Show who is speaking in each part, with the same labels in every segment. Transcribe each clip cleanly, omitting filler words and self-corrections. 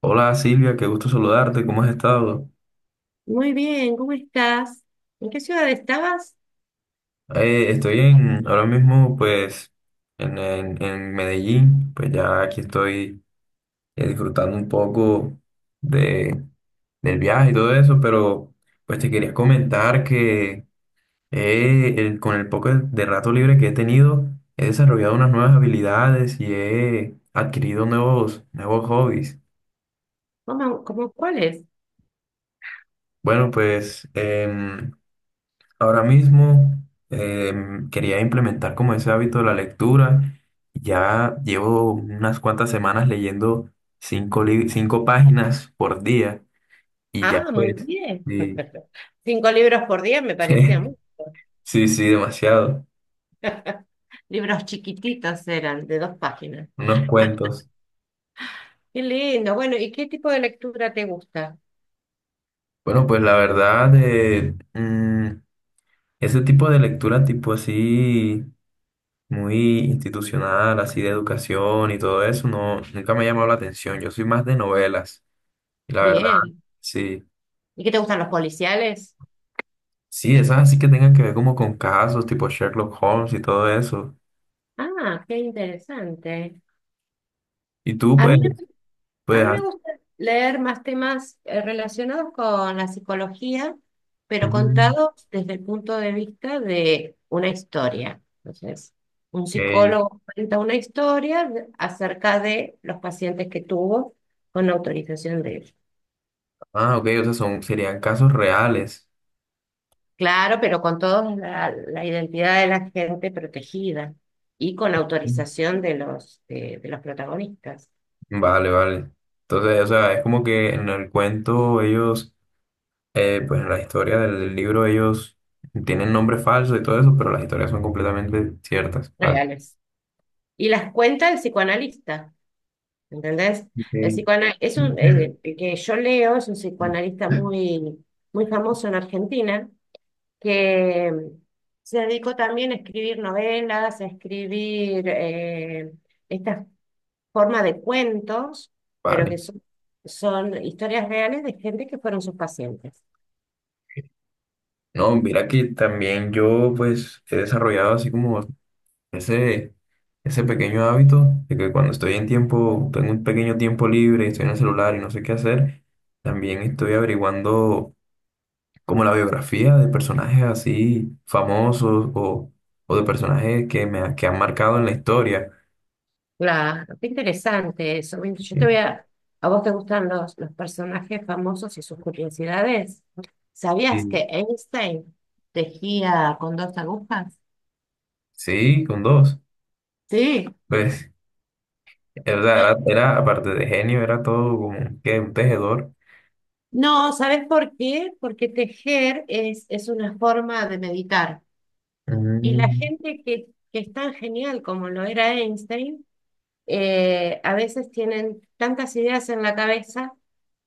Speaker 1: Hola Silvia, qué gusto saludarte, ¿cómo has estado?
Speaker 2: Muy bien, ¿cómo estás? ¿En qué ciudad estabas?
Speaker 1: Estoy en, ahora mismo pues en Medellín, pues ya aquí estoy disfrutando un poco de, del viaje y todo eso, pero pues te quería comentar que con el poco de rato libre que he tenido, he desarrollado unas nuevas habilidades y he adquirido nuevos hobbies.
Speaker 2: ¿Cómo cuál?
Speaker 1: Bueno, pues... ahora mismo quería implementar como ese hábito de la lectura. Ya llevo unas cuantas semanas leyendo 5 páginas por día y ya
Speaker 2: Ah, muy
Speaker 1: pues,
Speaker 2: bien.
Speaker 1: sí.
Speaker 2: Cinco libros por día me parecía mu-
Speaker 1: Sí, sí, demasiado,
Speaker 2: Libros chiquititos eran, de dos páginas.
Speaker 1: unos cuentos.
Speaker 2: Qué lindo. Bueno, ¿y qué tipo de lectura te gusta?
Speaker 1: Bueno, pues la verdad, ese tipo de lectura tipo así, muy institucional, así de educación y todo eso, no, nunca me ha llamado la atención. Yo soy más de novelas y la verdad,
Speaker 2: Bien.
Speaker 1: sí.
Speaker 2: ¿Y qué te gustan los policiales?
Speaker 1: Sí, esas así que tengan que ver como con casos tipo Sherlock Holmes y todo eso.
Speaker 2: Ah, qué interesante.
Speaker 1: Y tú
Speaker 2: A mí
Speaker 1: pues,
Speaker 2: A
Speaker 1: pues,
Speaker 2: mí me
Speaker 1: ah,
Speaker 2: gusta leer más temas relacionados con la psicología, pero
Speaker 1: ujú,
Speaker 2: contados desde el punto de vista de una historia. Entonces, un
Speaker 1: ok.
Speaker 2: psicólogo cuenta una historia de- acerca de los pacientes que tuvo con autorización de él.
Speaker 1: Ah, ok, o sea, serían casos reales.
Speaker 2: Claro, pero con toda la identidad de la gente protegida y con
Speaker 1: Mm.
Speaker 2: autorización de los, de los protagonistas
Speaker 1: Vale, vale. Entonces, o sea, es como que en el cuento ellos, pues en la historia del libro ellos tienen nombres falsos y todo eso, pero las historias son completamente ciertas. Vale.
Speaker 2: reales. Y las cuenta el psicoanalista. ¿Entendés?
Speaker 1: Ok.
Speaker 2: El que yo leo es un psicoanalista muy, muy famoso en Argentina, que se dedicó también a escribir novelas, a escribir esta forma de cuentos, pero que
Speaker 1: Vale.
Speaker 2: son historias reales de gente que fueron sus pacientes.
Speaker 1: No, mira que también yo pues he desarrollado así como Ese, ese pequeño hábito de que cuando estoy en tiempo, tengo un pequeño tiempo libre, y estoy en el celular y no sé qué hacer, también estoy averiguando como la biografía de personajes así famosos o de personajes que me ha- que han marcado en la historia.
Speaker 2: Claro, qué interesante eso. Mira, yo te
Speaker 1: Y-
Speaker 2: voy a... ¿A vos te gustan los personajes famosos y sus curiosidades? ¿Sabías
Speaker 1: y
Speaker 2: que Einstein tejía con dos agujas?
Speaker 1: sí, con dos.
Speaker 2: Sí.
Speaker 1: Pues, era, aparte de genio, era todo como que un tejedor.
Speaker 2: No, ¿sabes por qué? Porque tejer es una forma de meditar. Y la
Speaker 1: Mm,
Speaker 2: gente que es tan genial como lo era Einstein, a veces tienen tantas ideas en la cabeza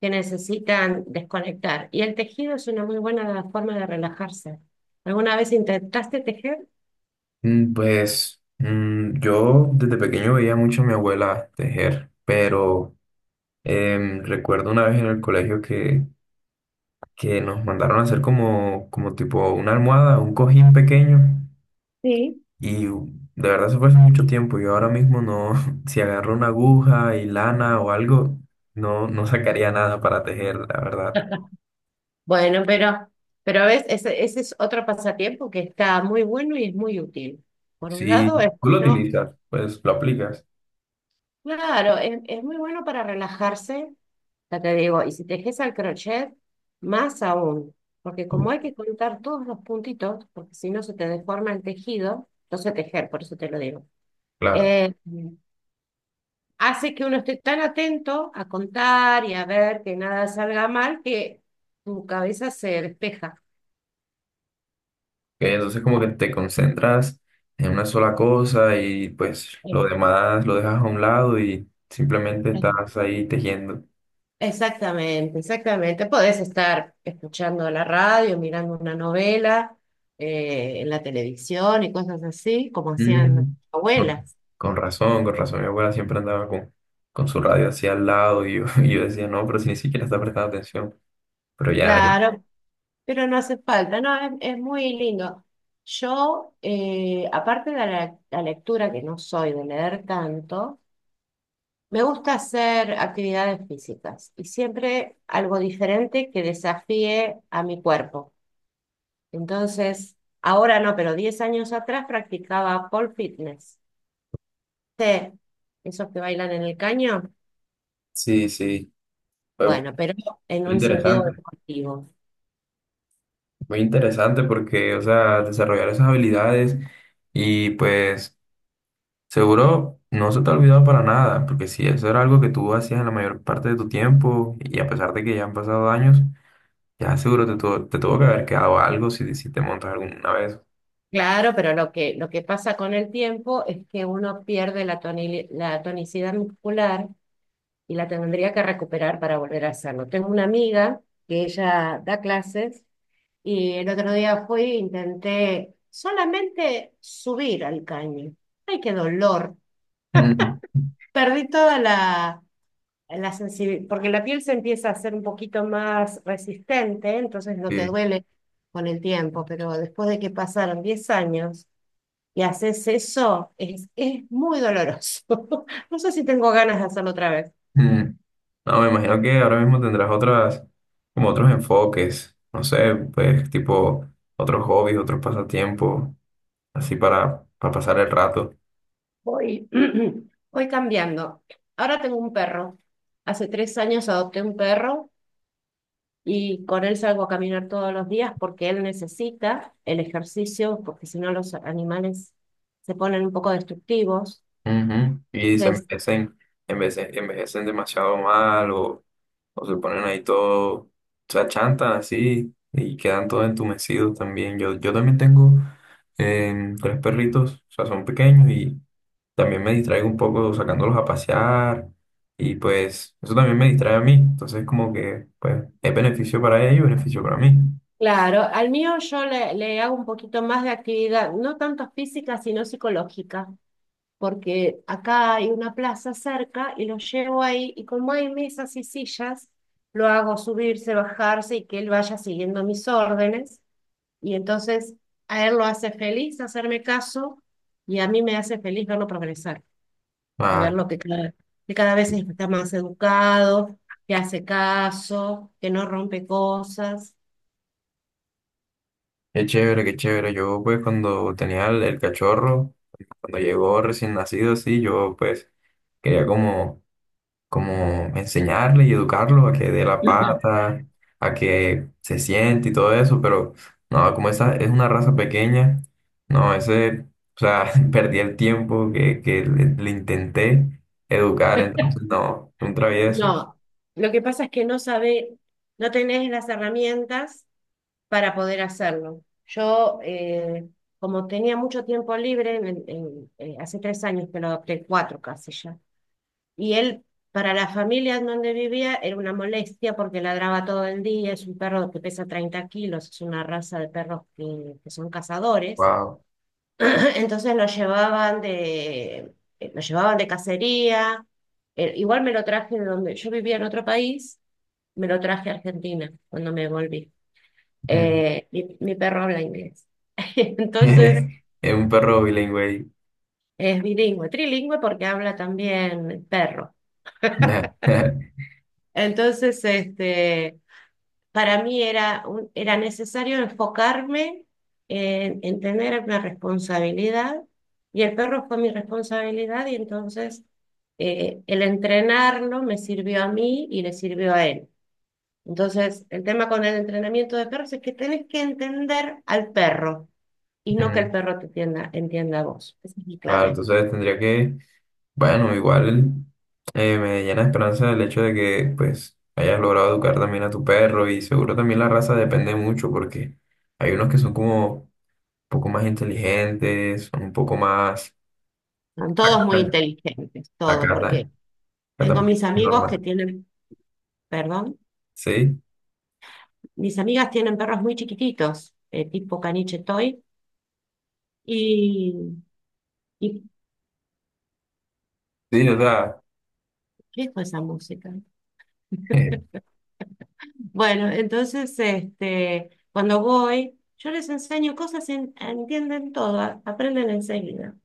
Speaker 2: que necesitan desconectar. Y el tejido es una muy buena forma de relajarse. ¿Alguna vez intentaste tejer?
Speaker 1: Pues yo desde pequeño veía mucho a mi abuela tejer, pero recuerdo una vez en el colegio que nos mandaron a hacer como, como tipo una almohada, un cojín pequeño
Speaker 2: Sí.
Speaker 1: y de verdad eso fue hace mucho tiempo. Yo ahora mismo no, si agarro una aguja y lana o algo, no, no sacaría nada para tejer, la verdad.
Speaker 2: Bueno, pero ves, ese es otro pasatiempo que está muy bueno y es muy útil. Por un
Speaker 1: Si
Speaker 2: lado, es
Speaker 1: tú lo
Speaker 2: bueno,
Speaker 1: utilizas, pues lo aplicas.
Speaker 2: claro, es muy bueno para relajarse. Ya te digo, y si tejes al crochet, más aún, porque
Speaker 1: Uh,
Speaker 2: como hay que contar todos los puntitos, porque si no se te deforma el tejido, no sé tejer, por eso te lo digo,
Speaker 1: Claro. Ok,
Speaker 2: eh, hace que uno esté tan atento a contar y a ver que nada salga mal que tu cabeza se despeja.
Speaker 1: entonces como que te concentras en una sola cosa y pues
Speaker 2: Eh,
Speaker 1: lo demás lo dejas a un lado y simplemente
Speaker 2: eh.
Speaker 1: estás ahí tejiendo.
Speaker 2: Exactamente, exactamente. Podés estar escuchando la radio, mirando una novela, en la televisión y cosas así, como hacían
Speaker 1: Mm,
Speaker 2: nuestras
Speaker 1: Con,
Speaker 2: abuelas.
Speaker 1: con razón, con razón. Mi abuela siempre andaba con su radio así al lado y yo, y yo decía, no, pero si ni siquiera está prestando atención. Pero ya, ya.
Speaker 2: Claro, pero no hace falta, no, es muy lindo. Yo, aparte de la lectura, que no soy de leer tanto, me gusta hacer actividades físicas y siempre algo diferente que desafíe a mi cuerpo. Entonces, ahora no, pero 10 años atrás practicaba pole fitness. ¿Sí? Esos que bailan en el caño,
Speaker 1: Sí, sí. Fue
Speaker 2: bueno, pero en
Speaker 1: muy
Speaker 2: un sentido
Speaker 1: interesante.
Speaker 2: deportivo.
Speaker 1: Muy interesante porque, o sea, desarrollar esas habilidades y pues seguro no se te ha olvidado para nada, porque si eso era algo que tú hacías en la mayor parte de tu tiempo y a pesar de que ya han pasado años, ya seguro te tuvo que haber quedado algo si, si te montas alguna vez.
Speaker 2: Claro, pero lo que pasa con el tiempo es que uno pierde la tonicidad muscular y la tendría que recuperar para volver a hacerlo. Tengo una amiga que ella da clases y el otro día fui e intenté solamente subir al caño. ¡Ay, qué dolor!
Speaker 1: Mm,
Speaker 2: Perdí toda la sensibilidad, porque la piel se empieza a hacer un poquito más resistente, entonces no te
Speaker 1: sí.
Speaker 2: duele con el tiempo, pero después de que pasaron 10 años y haces eso, es muy doloroso. No sé si tengo ganas de hacerlo otra vez.
Speaker 1: Mm. No, me imagino que ahora mismo tendrás otras, como otros enfoques, no sé, pues tipo otros hobbies, otros pasatiempos, así para pasar el rato.
Speaker 2: Voy, voy cambiando. Ahora tengo un perro. Hace 3 años adopté un perro y con él salgo a caminar todos los días porque él necesita el ejercicio, porque si no los animales se ponen un poco destructivos.
Speaker 1: Ujú. Y se
Speaker 2: Entonces,
Speaker 1: envejecen, envejecen demasiado mal o, se ponen ahí todo, se achantan así y quedan todos entumecidos también. Yo también tengo 3 perritos, o sea, son pequeños y también me distraigo un poco sacándolos a pasear y pues eso también me distrae a mí. Entonces como que pues es beneficio para ellos, beneficio para mí.
Speaker 2: claro, al mío yo le hago un poquito más de actividad, no tanto física, sino psicológica. Porque acá hay una plaza cerca y lo llevo ahí y como hay mesas y sillas, lo hago subirse, bajarse y que él vaya siguiendo mis órdenes. Y entonces a él lo hace feliz hacerme caso y a mí me hace feliz verlo progresar y
Speaker 1: Ah,
Speaker 2: verlo que que cada vez está más educado, que hace caso, que no rompe cosas.
Speaker 1: qué chévere, qué chévere. Yo pues cuando tenía el cachorro, cuando llegó recién nacido así, yo pues quería como enseñarle y educarlo a que dé la pata, a que se siente y todo eso, pero no, como esa es una raza pequeña, no, ese, o sea, perdí el tiempo le intenté educar, entonces no, un travieso,
Speaker 2: No, lo que pasa es que no sabe, no tenés las herramientas para poder hacerlo. Yo, como tenía mucho tiempo libre, hace 3 años que lo adopté, cuatro casi ya, y él, para la familia en donde vivía, era una molestia porque ladraba todo el día, es un perro que pesa 30 kilos, es una raza de perros que son cazadores,
Speaker 1: wow.
Speaker 2: entonces lo llevaban de cacería. Igual me lo traje de donde yo vivía en otro país, me lo traje a Argentina cuando me volví.
Speaker 1: Mm.
Speaker 2: Mi perro habla inglés. Entonces
Speaker 1: Es un perro bilingüe.
Speaker 2: es bilingüe, trilingüe porque habla también perro. Entonces, este, para mí era necesario enfocarme en tener una responsabilidad y el perro fue mi responsabilidad y entonces el entrenarlo me sirvió a mí y le sirvió a él. Entonces, el tema con el entrenamiento de perros es que tenés que entender al perro y no que el
Speaker 1: Mm,
Speaker 2: perro te entienda, entienda a vos. Esa es mi
Speaker 1: claro,
Speaker 2: clave.
Speaker 1: entonces tendría que, bueno, igual me llena de esperanza el hecho de que pues hayas logrado educar también a tu perro y seguro también la raza depende mucho porque hay unos que son como un poco más inteligentes, son un poco más
Speaker 2: Son todos muy
Speaker 1: acatan,
Speaker 2: inteligentes, todos,
Speaker 1: acatan,
Speaker 2: porque tengo
Speaker 1: acatan muy
Speaker 2: mis amigos que
Speaker 1: normal.
Speaker 2: tienen, perdón,
Speaker 1: Sí,
Speaker 2: mis amigas tienen perros muy chiquititos, tipo caniche toy, y, y
Speaker 1: sí, o sea,
Speaker 2: ¿qué fue esa música? Bueno, entonces, este, cuando voy, yo les enseño cosas, y en- entienden todo, a- aprenden enseguida.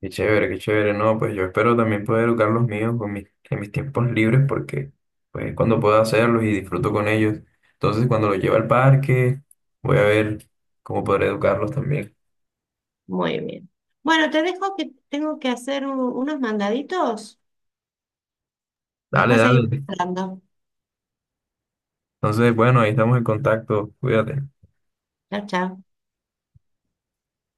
Speaker 1: qué chévere, no, pues yo espero también poder educar los míos con en mis tiempos libres porque pues cuando puedo hacerlos y disfruto con ellos. Entonces cuando los llevo al parque voy a ver cómo podré educarlos también.
Speaker 2: Muy bien. Bueno, te dejo que tengo que hacer un- unos mandaditos,
Speaker 1: Dale,
Speaker 2: después seguimos
Speaker 1: dale.
Speaker 2: hablando.
Speaker 1: Entonces, bueno, ahí estamos en contacto. Cuídate.
Speaker 2: Chao, chao.